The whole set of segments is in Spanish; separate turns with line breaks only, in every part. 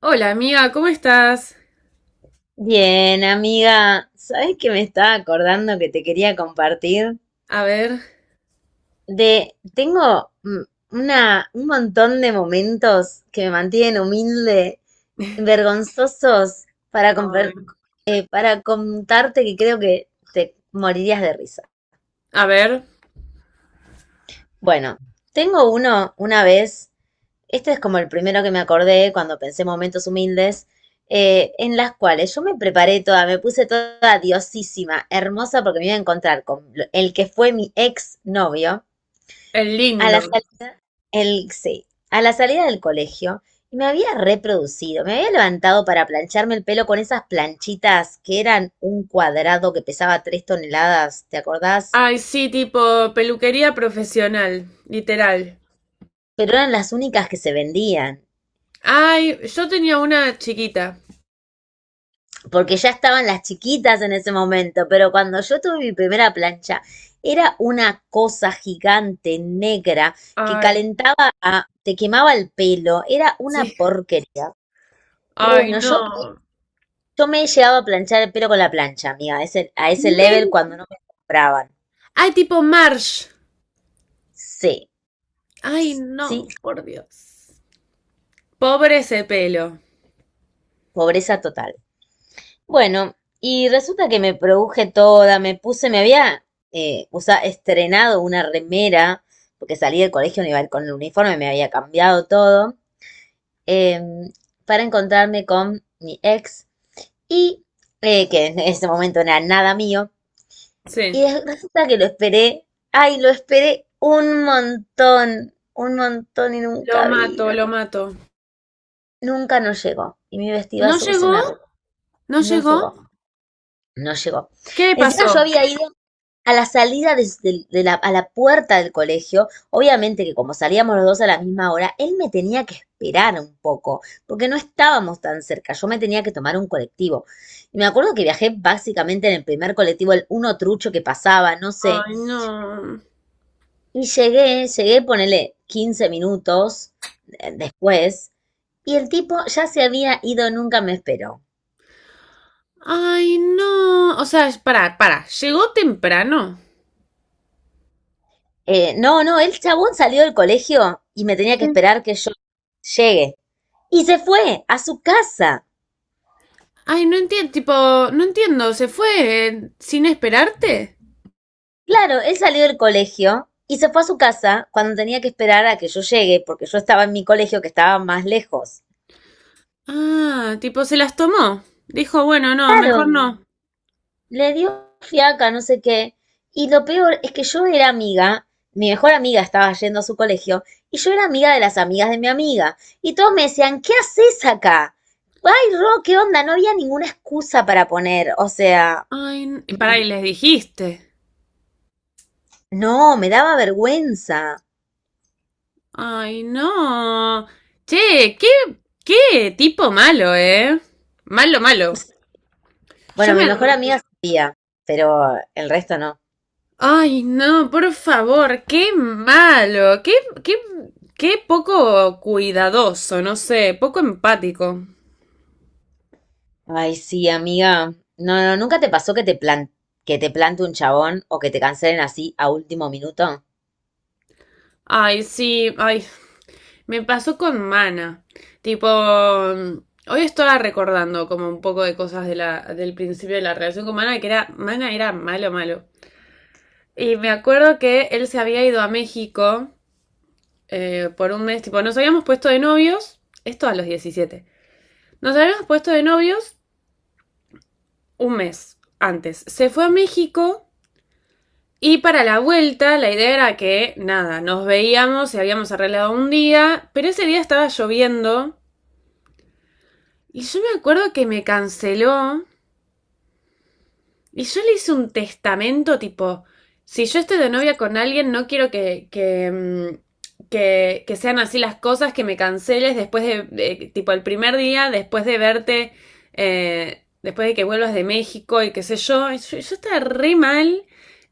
Hola amiga, ¿cómo estás?
Bien, amiga, ¿sabes que me estaba acordando que te quería compartir?
A ver,
De, tengo una, un montón de momentos que me mantienen humilde, vergonzosos, para,
ay,
para contarte que creo que te morirías de risa.
a ver,
Bueno, tengo uno una vez. Este es como el primero que me acordé cuando pensé en momentos humildes, en las cuales yo me preparé toda, me puse toda diosísima, hermosa, porque me iba a encontrar con el que fue mi ex novio
el
a la
lindo.
salida, el, sí, a la salida del colegio. Y me había reproducido, me había levantado para plancharme el pelo con esas planchitas que eran un cuadrado que pesaba 3 toneladas, ¿te acordás?
Ay, sí, tipo peluquería profesional, literal.
Pero eran las únicas que se vendían,
Ay, yo tenía una chiquita.
porque ya estaban las chiquitas en ese momento, pero cuando yo tuve mi primera plancha, era una cosa gigante, negra, que
Ay,
calentaba, te quemaba el pelo, era
sí.
una porquería. Pero
Ay,
bueno,
no.
yo me he llegado a planchar el pelo con la plancha, amiga, a a ese level
Men-
cuando no me compraban.
Ay, tipo Marsh.
Sí,
Ay,
sí,
no, por Dios. Pobre ese pelo.
pobreza total. Bueno, y resulta que me produje toda, me puse, me había estrenado una remera, porque salí del colegio no iba a ir con el uniforme, me había cambiado todo, eh, para encontrarme con mi ex, y que en ese momento no era nada mío, y
Sí.
resulta que lo esperé, ay, lo esperé un montón y
Lo
nunca
mato,
vino,
lo mato.
nunca no llegó, y mi vestido
¿No
azul se
llegó?
me arrugó,
¿No
no
llegó?
llegó, no llegó.
¿Qué le
Encima yo
pasó?
había ido a la salida de, de la, a la puerta del colegio, obviamente que como salíamos los dos a la misma hora, él me tenía que esperar un poco, porque no estábamos tan cerca, yo me tenía que tomar un colectivo. Y me acuerdo que viajé básicamente en el primer colectivo, el uno trucho que pasaba, no sé,
Ay, no.
y llegué, llegué, ponele 15 minutos después, y el tipo ya se había ido, nunca me esperó.
Ay, no. O sea, para, para. Llegó temprano.
No, no, el chabón salió del colegio y me tenía que
Sí.
esperar que yo llegue. Y se fue a su casa.
Ay, no entiendo. Tipo, no entiendo. ¿Se fue sin esperarte?
Claro, él salió del colegio y se fue a su casa cuando tenía que esperar a que yo llegue, porque yo estaba en mi colegio que estaba más lejos.
Ah, tipo, se las tomó. Dijo, bueno, no,
Claro,
mejor no.
le dio fiaca, no sé qué. Y lo peor es que yo era amiga, mi mejor amiga estaba yendo a su colegio, y yo era amiga de las amigas de mi amiga. Y todos me decían, ¿qué haces acá? Ay, Ro, ¿qué onda? No había ninguna excusa para poner. O sea,
Ay, y para, y les dijiste.
no, me daba vergüenza.
Ay, no. Che, qué, qué tipo malo, ¿eh? Malo, malo. Yo
Bueno,
me...
mi mejor amiga sabía, pero el resto no.
Ay, no, por favor, qué malo, qué, qué, qué poco cuidadoso, no sé, poco empático.
Ay, sí, amiga. No, no, ¿nunca te pasó que te que te plante un chabón o que te cancelen así a último minuto?
Ay, sí, ay, me pasó con Mana. Tipo, hoy estaba recordando como un poco de cosas de la, del principio de la relación con Mana, que era, Mana era malo, malo. Y me acuerdo que él se había ido a México por un mes, tipo, nos habíamos puesto de novios, esto a los 17. Nos habíamos puesto de novios un mes antes. Se fue a México y para la vuelta la idea era que, nada, nos veíamos y habíamos arreglado un día, pero ese día estaba lloviendo y yo me acuerdo que me canceló. Y yo le hice un testamento tipo, si yo estoy de novia con alguien, no quiero que, que sean así las cosas, que me canceles después de, tipo, el primer día, después de verte, después de que vuelvas de México y qué sé yo. Y yo estaba re mal.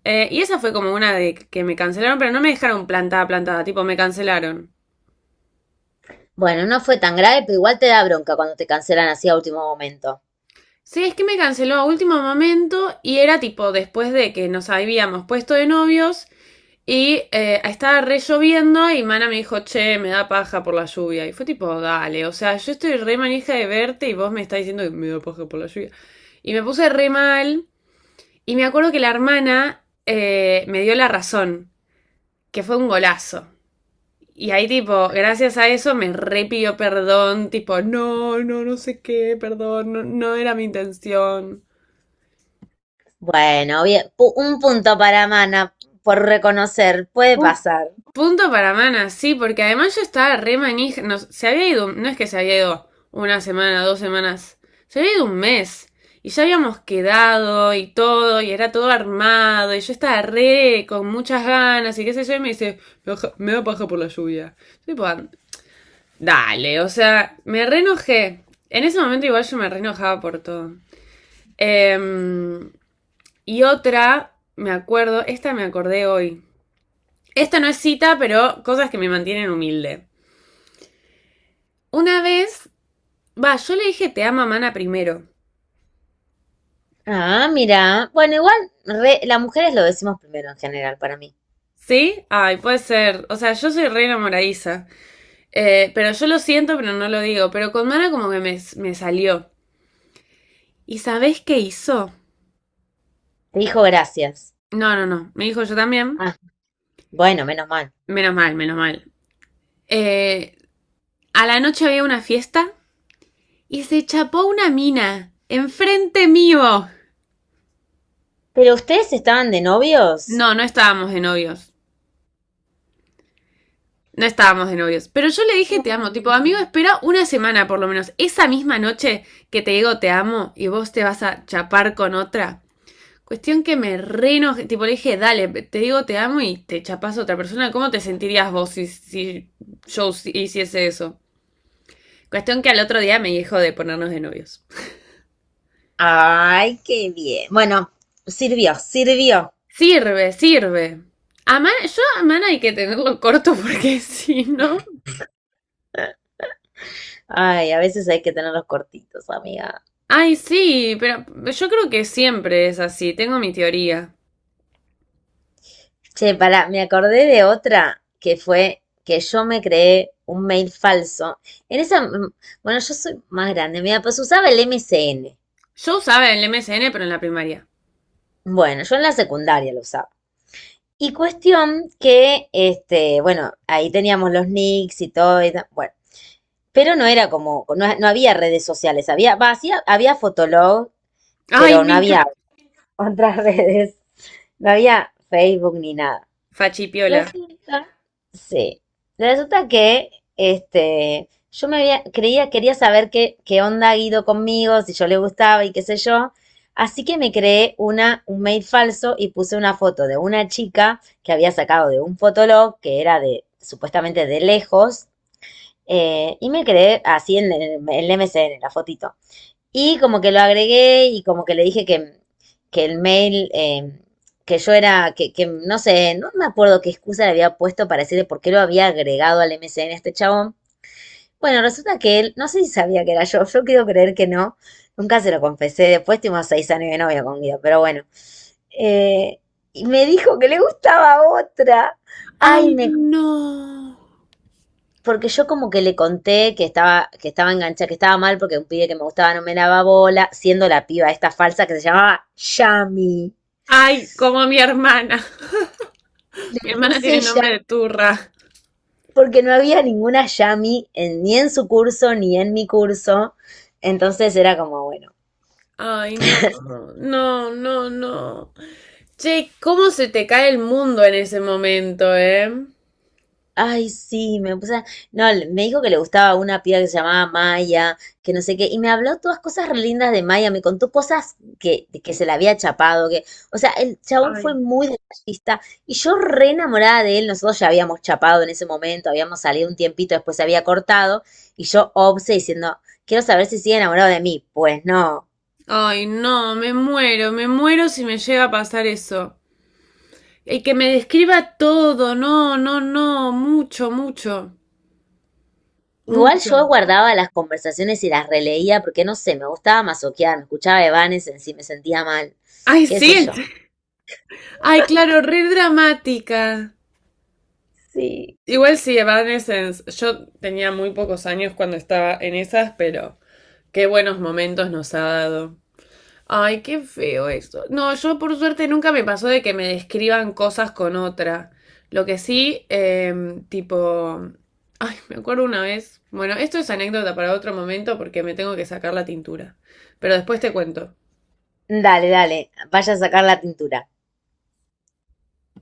Y esa fue como una de que me cancelaron, pero no me dejaron plantada, plantada, tipo, me cancelaron.
Bueno, no fue tan grave, pero igual te da bronca cuando te cancelan así a último momento.
Sí, es que me canceló a último momento y era tipo después de que nos habíamos puesto de novios. Y estaba re lloviendo y Mana me dijo, che, me da paja por la lluvia. Y fue tipo, dale, o sea, yo estoy re manija de verte y vos me estás diciendo que me da paja por la lluvia. Y me puse re mal. Y me acuerdo que la hermana me dio la razón, que fue un golazo. Y ahí tipo, gracias a eso me re pidió perdón, tipo, no, no, no sé qué, perdón, no, no era mi intención.
Bueno, bien, un punto para Mana por reconocer, puede pasar.
Punto para Mana, sí, porque además yo estaba re manija. No, se había ido, no es que se había ido una semana, dos semanas, se había ido un mes. Y ya habíamos quedado y todo, y era todo armado, y yo estaba re con muchas ganas, y qué sé yo, y me dice, me, da paja por la lluvia. Yo tipo, "Ah, dale, o sea, me re enojé. En ese momento igual yo me re enojaba por todo. Em, y otra, me acuerdo, esta me acordé hoy. Esta no es cita, pero cosas que me mantienen humilde. Una vez, va, yo le dije te ama Mana primero.
Ah, mira. Bueno, igual las mujeres lo decimos primero en general para mí.
¿Sí? Ay, puede ser. O sea, yo soy re enamoradiza. Pero yo lo siento, pero no lo digo. Pero con Mana como que me salió. ¿Y sabés qué hizo?
Te dijo gracias.
No, no, no. Me dijo yo también.
Ah, bueno, menos mal.
Menos mal, menos mal. Eh, a la noche había una fiesta y se chapó una mina. Enfrente mío.
¿Pero ustedes estaban de novios?
No, no estábamos de novios. No estábamos de novios. Pero yo le dije te amo. Tipo, amigo, espera una semana por lo menos. Esa misma noche que te digo te amo y vos te vas a chapar con otra. Cuestión que me reno. Tipo, le dije, dale, te digo te amo y te chapas a otra persona. ¿Cómo te sentirías vos si yo si, hiciese eso? Cuestión que al otro día me dijo de ponernos de novios.
Ay, qué bien. Bueno, sirvió, sirvió.
Sirve, sirve. A man, yo a man hay que tenerlo corto porque si no.
Ay, a veces hay que tenerlos cortitos, amiga.
Ay, sí, pero yo creo que siempre es así. Tengo mi teoría.
Che, pará, me acordé de otra que fue que yo me creé un mail falso. En esa, bueno, yo soy más grande, mira, pues usaba el MSN.
Yo usaba el MSN, pero en la primaria.
Bueno, yo en la secundaria lo usaba. Y cuestión que, este, bueno, ahí teníamos los nicks y todo, y bueno, pero no era como, no, no había redes sociales, había, va, sí, había Fotolog,
Ay,
pero
me
no había
encanta.
otras redes. No había Facebook ni nada.
Fachipiola.
Resulta, sí. Resulta que este, yo me había, creía, quería saber qué, qué onda Guido conmigo, si yo le gustaba y qué sé yo. Así que me creé una, un mail falso y puse una foto de una chica que había sacado de un fotolog que era de supuestamente de lejos. Y me creé así en el MSN, la fotito. Y como que lo agregué y como que le dije que el mail, que yo era, que no sé, no me acuerdo qué excusa le había puesto para decirle por qué lo había agregado al MSN a este chabón. Bueno, resulta que él, no sé si sabía que era yo, yo quiero creer que no, nunca se lo confesé, después tuvimos 6 años de novia con Guido, pero bueno. Eh, y me dijo que le gustaba otra. Ay,
Ay,
me
no.
porque yo como que le conté que estaba enganchada, que estaba mal porque un pibe que me gustaba no me daba bola, siendo la piba esta falsa que se llamaba Yami.
Ay, como mi hermana.
Me
Mi hermana
puse
tiene
ya,
nombre de turra.
porque no había ninguna Yami ni en su curso ni en mi curso. Entonces era como, bueno,
Ay, no, no, no, no. Che, ¿cómo se te cae el mundo en ese momento, eh?
ay, sí, me puse. No, me dijo que le gustaba una piba que se llamaba Maya, que no sé qué, y me habló todas cosas re lindas de Maya, me contó cosas que, de que se la había chapado, que, o sea, el chabón fue
Ay.
muy detallista, y yo re enamorada de él, nosotros ya habíamos chapado en ese momento, habíamos salido un tiempito, después se había cortado, y yo obse diciendo, quiero saber si sigue enamorado de mí. Pues no.
Ay, no, me muero si me llega a pasar eso. Y que me describa todo, no, no, no, mucho, mucho,
Igual
mucho.
yo guardaba las conversaciones y las releía, porque no sé, me gustaba masoquear, me escuchaba Evanes en sí, me sentía mal,
Ay,
qué sé
sí.
yo.
Ay, claro, re dramática.
Sí.
Igual sí, Evanescence. Yo tenía muy pocos años cuando estaba en esas, pero qué buenos momentos nos ha dado. Ay, qué feo eso. No, yo por suerte nunca me pasó de que me describan cosas con otra. Lo que sí, tipo... Ay, me acuerdo una vez. Bueno, esto es anécdota para otro momento porque me tengo que sacar la tintura. Pero después te cuento.
Dale, dale. Vaya a sacar la tintura.